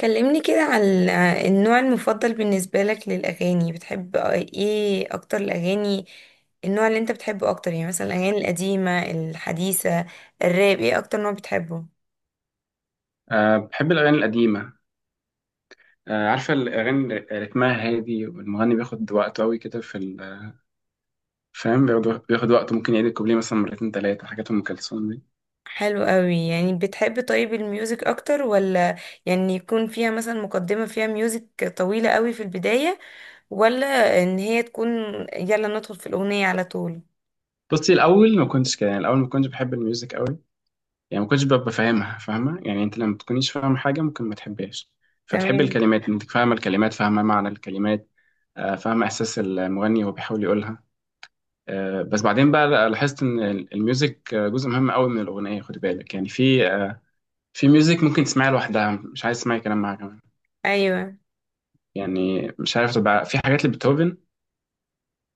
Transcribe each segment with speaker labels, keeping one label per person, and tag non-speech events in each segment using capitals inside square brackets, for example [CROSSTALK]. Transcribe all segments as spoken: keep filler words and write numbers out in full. Speaker 1: كلمني كده عن النوع المفضل بالنسبة لك للأغاني، بتحب ايه أكتر؟ الأغاني، النوع اللي انت بتحبه أكتر يعني، مثلا الأغاني القديمة، الحديثة، الراب، ايه أكتر نوع بتحبه؟
Speaker 2: أه، بحب الأغاني القديمة. أه، عارفة الأغاني رتمها هادي والمغني بياخد وقته أوي كده في ال- فاهم، بياخد بياخد وقته، ممكن يعيد الكوبليه مثلا مرتين تلاتة حاجات أم كلثوم دي.
Speaker 1: حلو قوي. يعني بتحب، طيب، الميوزك أكتر، ولا يعني يكون فيها مثلا مقدمة فيها ميوزك طويلة قوي في البداية، ولا إن هي تكون يلا ندخل في الأغنية على طول؟
Speaker 2: بصي، الأول ما كنتش كده، يعني الأول ما كنتش بحب الميوزك أوي، يعني ما كنتش ببقى فاهمها فاهمة يعني. أنت لما تكونيش فاهمة حاجة ممكن ما تحبهاش، فتحب
Speaker 1: تمام.
Speaker 2: الكلمات، أنت فاهمة الكلمات، فاهمة معنى الكلمات. أه، فاهمة إحساس المغني وهو بيحاول يقولها. أه، بس بعدين بقى لاحظت إن الميوزك جزء مهم أوي من الأغنية، خد بالك، يعني في آه، في ميوزك ممكن تسمعيها لوحدها، مش عايز تسمعي كلام معاها كمان،
Speaker 1: أيوه.
Speaker 2: يعني مش عارف، تبقى في حاجات لبيتهوفن.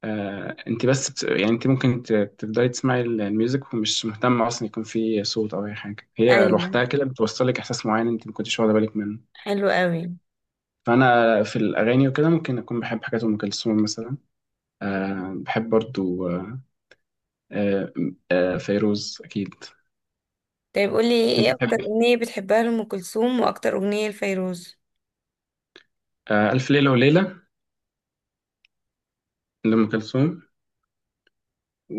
Speaker 2: آه، انت بس بت... يعني انت ممكن ت- تفضلي تسمعي ال- الميوزك ومش مهتمة اصلا يكون في صوت او اي حاجة، هي
Speaker 1: أيوه.
Speaker 2: لوحدها كده بتوصلك احساس معين انت ما كنتش واخدة بالك منه.
Speaker 1: حلو قوي.
Speaker 2: فانا في الاغاني وكده ممكن اكون بحب حاجات ام كلثوم مثلا. آه، بحب برضو. آه آه. آه، فيروز اكيد.
Speaker 1: طيب قولي،
Speaker 2: انت
Speaker 1: ايه اكتر
Speaker 2: بتحبي؟
Speaker 1: اغنية بتحبها لأم كلثوم واكتر اغنية لفيروز؟
Speaker 2: آه، الف ليلة وليلة لام كلثوم،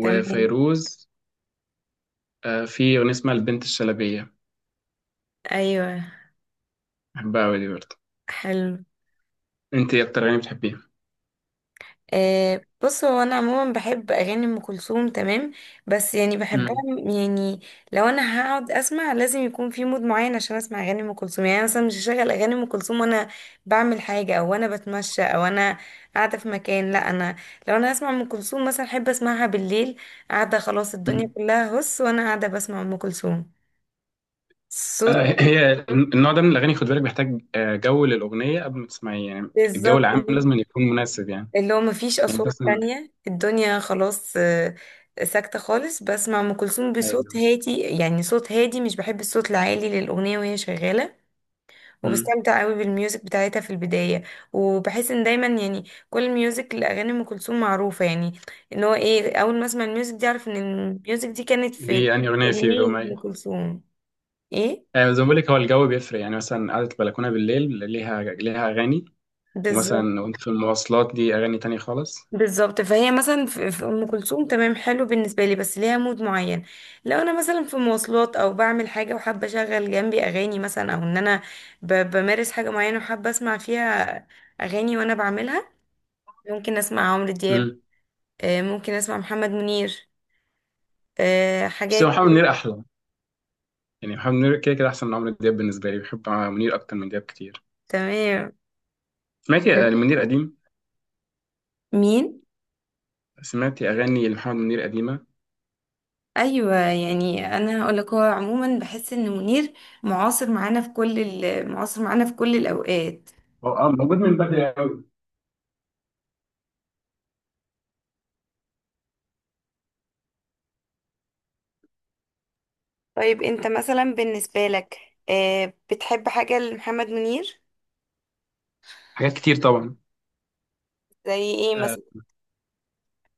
Speaker 1: تمام.
Speaker 2: آه، في اغنية اسمها البنت الشلبية،
Speaker 1: ايوه.
Speaker 2: بحبها أوي دي برضه.
Speaker 1: حلو.
Speaker 2: أنت إيه أكتر أغاني بتحبيها؟
Speaker 1: آه، بص، هو انا عموما بحب اغاني ام كلثوم، تمام؟ بس يعني بحبها
Speaker 2: مم.
Speaker 1: م- يعني، لو انا هقعد اسمع لازم يكون في مود معين عشان اسمع اغاني ام كلثوم. يعني أنا مثلا مش هشغل اغاني ام كلثوم وانا بعمل حاجه، او انا بتمشى، او انا قاعده في مكان، لا. انا لو انا اسمع ام كلثوم مثلا احب اسمعها بالليل، قاعده خلاص، الدنيا
Speaker 2: مم.
Speaker 1: كلها هس وانا قاعده بسمع ام كلثوم، صوت.
Speaker 2: آه، هي النوع ده من الأغاني خد بالك بيحتاج آه، جو للأغنية قبل ما تسمعيه يعني. الجو
Speaker 1: بالظبط
Speaker 2: العام
Speaker 1: كده.
Speaker 2: لازم أن يكون مناسب يعني.
Speaker 1: اللي هو مفيش
Speaker 2: يعني أنت
Speaker 1: أصوات
Speaker 2: مثلا.
Speaker 1: تانية، الدنيا خلاص، آه، ساكتة خالص، بسمع أم كلثوم بصوت
Speaker 2: أيوه.
Speaker 1: هادي، يعني صوت هادي، مش بحب الصوت العالي للأغنية وهي شغالة.
Speaker 2: مم.
Speaker 1: وبستمتع قوي بالميوزك بتاعتها في البداية، وبحس ان دايما يعني كل الميوزك لأغاني أم كلثوم معروفة. يعني ان هو ايه، أول ما اسمع الميوزك دي أعرف ان الميوزك دي كانت في
Speaker 2: دي أنهي أغنية؟ في
Speaker 1: أغنية
Speaker 2: يوم،
Speaker 1: أم
Speaker 2: أيوه.
Speaker 1: كلثوم ايه.
Speaker 2: آه، زي ما بقول لك، هو الجو بيفرق. يعني مثلا قعدة البلكونة بالليل ليها ليها أغاني،
Speaker 1: بالظبط.
Speaker 2: ومثلا وأنت في المواصلات دي أغاني تانية خالص.
Speaker 1: بالظبط. فهي مثلا في في ام كلثوم، تمام، حلو بالنسبه لي، بس ليها مود معين. لو انا مثلا في مواصلات او بعمل حاجه وحابه اشغل جنبي اغاني مثلا، او ان انا ب- بمارس حاجه معينه وحابه اسمع فيها اغاني وانا بعملها، ممكن اسمع عمرو دياب،
Speaker 2: مم.
Speaker 1: آه، ممكن اسمع محمد منير، آه،
Speaker 2: بس
Speaker 1: حاجات
Speaker 2: هو محمد
Speaker 1: كده.
Speaker 2: منير أحلى، يعني محمد منير كده كده أحسن من عمرو دياب بالنسبة لي، بحب منير أكتر من دياب كتير.
Speaker 1: تمام.
Speaker 2: سمعتي آه، لمنير قديم؟
Speaker 1: مين؟
Speaker 2: سمعتي أغاني لمحمد منير قديمة؟
Speaker 1: ايوه، يعني انا هقول لك، هو عموما بحس ان منير معاصر معانا في كل ال- معاصر معانا في كل الاوقات.
Speaker 2: هو اه، موجود من بدري قوي.
Speaker 1: طيب انت مثلا، بالنسبة لك آه، بتحب حاجة لمحمد منير؟
Speaker 2: حاجات كتير طبعا.
Speaker 1: زي ايه
Speaker 2: آه،
Speaker 1: مثلا؟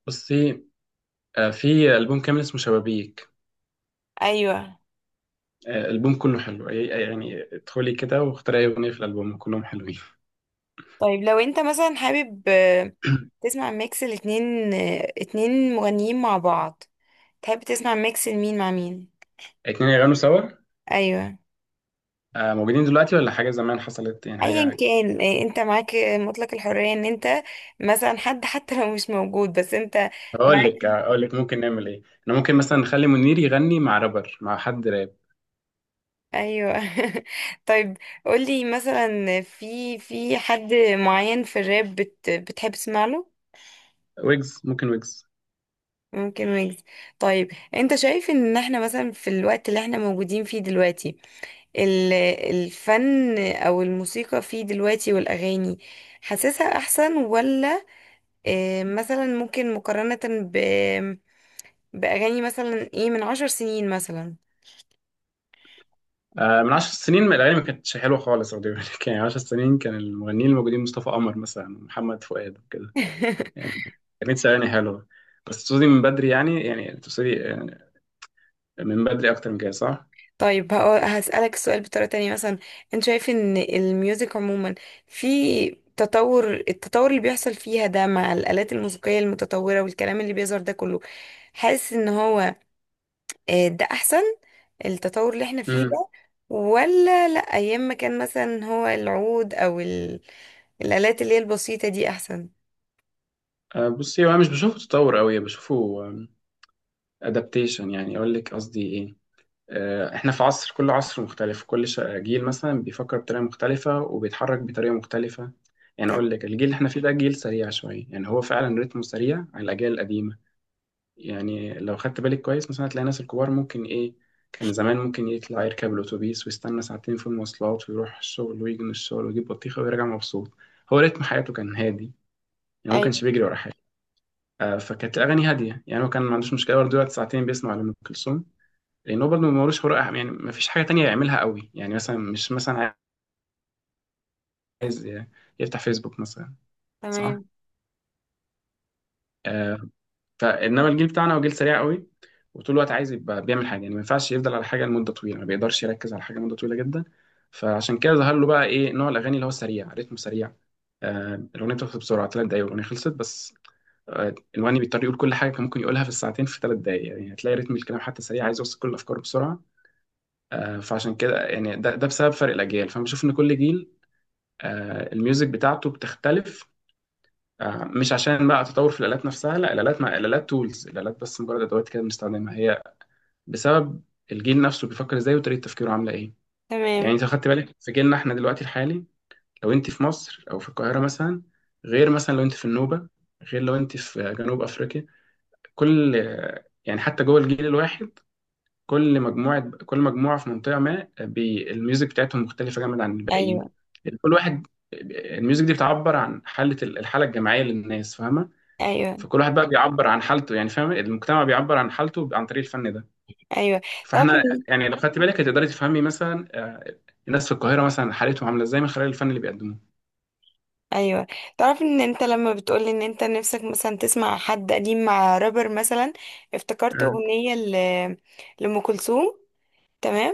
Speaker 2: بصي، آه، في ألبوم كامل اسمه شبابيك،
Speaker 1: ايوه.
Speaker 2: آه، الألبوم كله حلو، يعني يعني ادخلي كده واختاري أي أغنية في الألبوم كلهم حلوين.
Speaker 1: طيب لو انت مثلا حابب آه، تسمع ميكس الاتنين، آه، اتنين مغنيين مع بعض، تحب تسمع ميكس لمين مع مين؟
Speaker 2: اتنين يغنوا سوا
Speaker 1: ايوه.
Speaker 2: آه، موجودين دلوقتي، ولا حاجة زمان حصلت، يعني
Speaker 1: ايا
Speaker 2: حاجة؟
Speaker 1: كان، آه، انت معاك، آه، مطلق الحرية ان انت مثلا حد حتى لو مش موجود، بس انت
Speaker 2: هقول
Speaker 1: معاك.
Speaker 2: لك هقول لك ممكن نعمل إيه. أنا ممكن مثلا نخلي منير يغني مع رابر، مع حد راب.
Speaker 1: ايوه. [LAUGHS] طيب قولي مثلا في في حد معين في الراب بت بتحب تسمع له؟
Speaker 2: ويجز، ممكن ويجز.
Speaker 1: ممكن ويجز. طيب انت شايف ان احنا مثلا في الوقت اللي احنا موجودين فيه دلوقتي، ال- الفن او الموسيقى فيه دلوقتي والاغاني، حاسسها احسن، ولا اه، مثلا ممكن مقارنة ب- باغاني مثلا ايه، من عشر سنين مثلا؟
Speaker 2: آه، من عشر سنين ما- الأغاني ما كانتش حلوة خالص، أقول لك. [LAUGHS] يعني عشر سنين كان المغنيين الموجودين مصطفى قمر مثلا ومحمد فؤاد وكده
Speaker 1: [LAUGHS]
Speaker 2: يعني. تلاتين ثواني حلوة. بس تقصدي من بدري يعني، يعني تقصدي آه، من بدري أكتر من كده، صح؟
Speaker 1: طيب هقو- هسألك السؤال بطريقة تانية. مثلا انت شايف ان الميوزك عموما في تطور التطور اللي بيحصل فيها ده، مع الآلات الموسيقية المتطورة والكلام اللي بيظهر ده كله، حاسس ان هو آه، ده احسن، التطور اللي احنا فيه
Speaker 2: امم
Speaker 1: ده، ولا لا، ايام ما كان مثلا هو العود او ال... الآلات اللي هي البسيطة دي احسن؟
Speaker 2: آه، بصي، هو أنا مش بشوفه تطور أوي، بشوفه أدابتيشن. يعني أقول لك قصدي إيه. آه، إحنا في عصر، كل عصر مختلف، كل ش- جيل مثلا بيفكر بطريقة مختلفة وبيتحرك بطريقة مختلفة. يعني
Speaker 1: تم-
Speaker 2: أقول لك الجيل اللي إحنا فيه ده جيل سريع شوية، يعني هو فعلا رتمه سريع على الأجيال القديمة. يعني لو خدت بالك كويس، مثلا هتلاقي الناس الكبار ممكن إيه، كان زمان ممكن يطلع يركب الأتوبيس ويستنى ساعتين في المواصلات ويروح الشغل ويجي من الشغل ويجيب بطيخة ويرجع مبسوط. هو رتم حياته كان هادي، يعني ما
Speaker 1: ايوه.
Speaker 2: كانش بيجري ورا حاجة. آه، فكانت الأغاني هادية. يعني هو كان ما عندوش مشكلة برضه دلوقتي ساعتين بيسمع لأم كلثوم، لأن هو برضه ما ملوش حرقة، يعني ما فيش حاجة تانية يعملها قوي، يعني مثلا مش مثلا عايز يفتح فيسبوك مثلا، صح؟
Speaker 1: تمام.
Speaker 2: آه، فانما الجيل بتاعنا هو جيل سريع قوي، وطول الوقت عايز يبقى بيعمل حاجه، يعني ما ينفعش يفضل على حاجه لمده طويله، ما بيقدرش يركز على حاجه مده طويله جدا. فعشان كده ظهر له بقى ايه، نوع الاغاني اللي هو سريع، رتمه سريع. آه، الاغنيه بتخلص بسرعه، ثلاث دقايق الاغنيه خلصت بس. آه، الواني بيضطر يقول كل حاجه كان ممكن يقولها في الساعتين في ثلاث دقايق، يعني هتلاقي رتم الكلام حتى سريع، عايز يوصل كل الافكار بسرعه. آه، فعشان كده يعني ده, ده بسبب فرق الاجيال، فانا بشوف ان كل جيل آه، الميوزك بتاعته بتختلف. آه، مش عشان بقى تطور في الآلات نفسها، لا الآلات، ما الآلات تولز، الآلات بس مجرد أدوات كده بنستخدمها، هي بسبب الجيل نفسه بيفكر ازاي وطريقة تفكيره عاملة ايه. يعني
Speaker 1: تمام.
Speaker 2: انت خدت بالك في جيلنا احنا دلوقتي الحالي، لو انت في مصر او في القاهرة مثلا، غير مثلا لو انت في النوبة، غير لو انت في جنوب أفريقيا. كل، يعني حتى جوه الجيل الواحد، كل مجموعة كل مجموعة في منطقة ما بي... الميوزك بتاعتهم مختلفة جامد عن الباقيين.
Speaker 1: ايوه.
Speaker 2: كل واحد، الميوزك دي بتعبر عن حالة، الحالة الجماعية للناس، فاهمة؟
Speaker 1: ايوه.
Speaker 2: فكل واحد بقى بيعبر عن حالته، يعني فاهم، المجتمع بيعبر عن حالته عن طريق الفن ده.
Speaker 1: ايوه. طب.
Speaker 2: فاحنا يعني لو خدت بالك هتقدري تفهمي مثلا آه، الناس في القاهرة مثلا حالتهم عاملة ازاي من خلال الفن اللي بيقدموه.
Speaker 1: ايوه. تعرف ان انت لما بتقولي ان انت نفسك مثلا تسمع حد قديم مع رابر مثلا، افتكرت
Speaker 2: مم.
Speaker 1: اغنيه ل... لام كلثوم، تمام.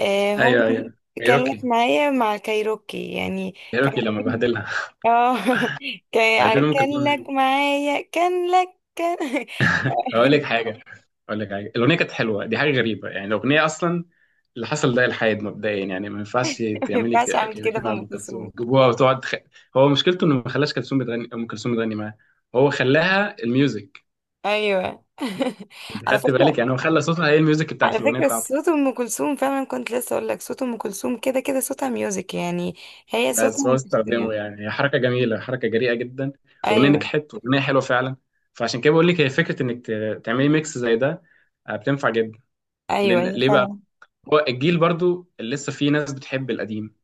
Speaker 1: آه هم.
Speaker 2: ايوه ايوه،
Speaker 1: كان لك
Speaker 2: كايروكي.
Speaker 1: معايا مع الكايروكي يعني. كان
Speaker 2: كايروكي لما
Speaker 1: عاملين-
Speaker 2: بهدلها.
Speaker 1: اه. [LAUGHS]
Speaker 2: [LAUGHS] بهدل
Speaker 1: كان
Speaker 2: ام
Speaker 1: كان
Speaker 2: كلثوم.
Speaker 1: لك معايا، كان لك كان.
Speaker 2: هقول لك
Speaker 1: [LAUGHS]
Speaker 2: حاجة، اقول لك حاجه، الاغنيه كانت حلوه، دي حاجه غريبه، يعني الاغنيه اصلا، اللي حصل ده الحاد مبدئيا، يعني ما ينفعش
Speaker 1: ما
Speaker 2: تعملي
Speaker 1: ينفعش
Speaker 2: ك-
Speaker 1: اعمل كده
Speaker 2: كايروكي
Speaker 1: في
Speaker 2: مع
Speaker 1: ام
Speaker 2: ام كلثوم
Speaker 1: كلثوم.
Speaker 2: جيبوها وتقعد تخ... هو مشكلته انه ما خلاش كلثوم بتغني، ام كلثوم بتغني معاه، هو خلاها الميوزك.
Speaker 1: ايوه. [LAUGHS]
Speaker 2: انت
Speaker 1: على
Speaker 2: خدت بالك؟
Speaker 1: فكره
Speaker 2: يعني هو خلى صوتها هي الميوزك
Speaker 1: على
Speaker 2: بتاعت الاغنيه
Speaker 1: فكرة
Speaker 2: بتاعته.
Speaker 1: صوت أم كلثوم فعلا. كنت لسه أقول لك، صوت أم كلثوم كده كده صوتها ميوزك يعني، هي صوتها
Speaker 2: بس هو
Speaker 1: مش...
Speaker 2: استخدمه، يعني هي حركه جميله، حركه جريئه جدا، الاغنيه
Speaker 1: أيوه.
Speaker 2: نجحت، والاغنيه حلوه فعلا. فعشان كده بقول لك هي فكره انك ت- تعملي ميكس زي ده، آه، بتنفع جدا.
Speaker 1: أيوه.
Speaker 2: لان
Speaker 1: هي
Speaker 2: ليه بقى،
Speaker 1: فعلا.
Speaker 2: هو الجيل برضو اللي لسه فيه ناس بتحب القديم،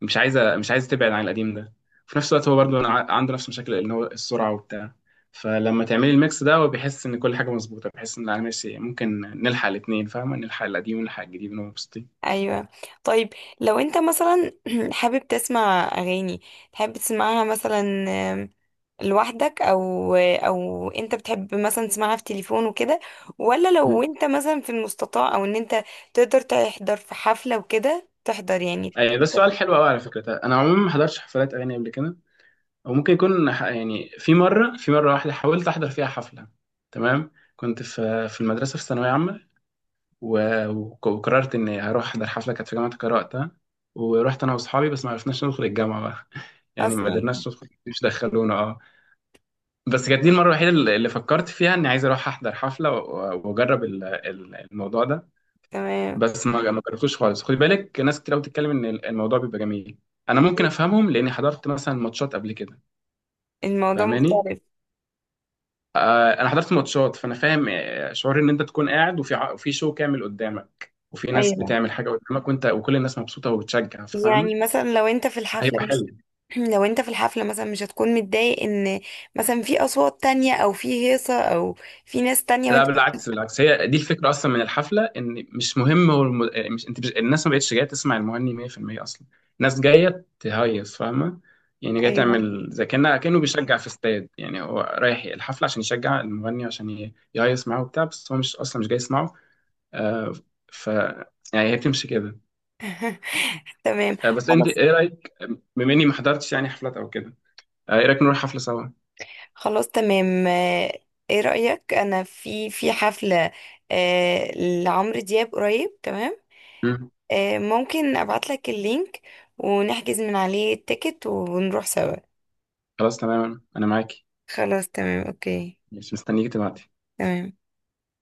Speaker 2: مش عايزه مش عايزه تبعد عن القديم ده. في نفس الوقت هو برضو ع- عنده نفس المشاكل، ان هو السرعه وبتاع. فلما تعملي الميكس ده هو بيحس ان كل حاجه مظبوطه، بيحس ان انا ماشي، ممكن نلحق الاثنين، فاهمه، نلحق القديم ونلحق الجديد ونبقى مبسوطين.
Speaker 1: أيوه. طيب لو أنت مثلا [CLEARS THROAT] حابب تسمع أغاني، تحب تسمعها مثلا آم، لوحدك، أو أو أنت بتحب مثلا تسمعها في تليفون وكده، ولا لو أنت مثلا في المستطاع أو أن أنت تقدر تحضر في حفلة وكده، تحضر يعني؟
Speaker 2: اي، ده سؤال حلو قوي على فكره. انا عموما ما حضرتش حفلات اغاني قبل كده، او ممكن يكون ح- يعني في مره، في مره واحده حاولت احضر فيها حفله. تمام. كنت في في المدرسه، في ثانويه عامه، و- وك- وقررت اني هروح احضر حفله، كانت في جامعه القاهره وقتها. ورحت انا واصحابي، بس ما عرفناش ندخل الجامعه بقى. [LAUGHS] يعني ما
Speaker 1: أصلا.
Speaker 2: قدرناش ندخل، مش دخلونا اه، بس كانت دي المره الوحيده اللي اللي فكرت فيها اني عايز اروح احضر حفله و- واجرب ال- ال- الموضوع ده.
Speaker 1: تمام.
Speaker 2: بس ما ما جربتوش خالص. خدي بالك ناس كتير قوي بتتكلم ان الموضوع بيبقى جميل. انا ممكن افهمهم لاني حضرت مثلا ماتشات قبل كده،
Speaker 1: الموضوع
Speaker 2: فاهماني.
Speaker 1: مختلف.
Speaker 2: آه، انا حضرت ماتشات، فانا فاهم آه، شعور ان انت تكون قاعد وفي ع- وفي شو كامل قدامك وفي ناس
Speaker 1: أيوه.
Speaker 2: بتعمل حاجه قدامك، وانت وكل الناس مبسوطه وبتشجع، فاهم؟
Speaker 1: يعني مثلا لو انت في الحفلة
Speaker 2: هيبقى
Speaker 1: مش
Speaker 2: حلو.
Speaker 1: [CLEARS THROAT] لو انت في الحفلة مثلا مش هتكون متضايق ان مثلا في اصوات تانية، او في هيصة، او في ناس تانية
Speaker 2: لا
Speaker 1: وانت؟
Speaker 2: بالعكس، بالعكس هي دي الفكره اصلا من الحفله، ان مش مهم هو الم... إيه، مش انت مش... الناس ما بقتش جايه تسمع المغني مية بالمية، اصلا الناس جايه تهيص، فاهمه؟ يعني جايه
Speaker 1: ايوه.
Speaker 2: تعمل زي كانه كانه بيشجع في استاد، يعني هو رايح الحفله عشان يشجع المغني عشان ي- يهيص معاه وبتاع، بس هو مش اصلا مش جاي يسمعه. آه، ف يعني هي بتمشي كده.
Speaker 1: [LAUGHS] تمام.
Speaker 2: آه، بس انت
Speaker 1: خلاص.
Speaker 2: ايه رايك، بما اني ما حضرتش يعني حفلات او كده، آه، ايه رايك نروح حفله سوا؟
Speaker 1: خلاص. تمام. آه، ايه رأيك، انا في في حفلة آه، لعمرو دياب قريب، تمام؟
Speaker 2: مم.
Speaker 1: آه، ممكن ابعت لك اللينك ونحجز من عليه التيكت ونروح سوا؟
Speaker 2: خلاص تمام، انا معاكي،
Speaker 1: خلاص. تمام. اوكي.
Speaker 2: مش مستنيك تبعتي.
Speaker 1: تمام.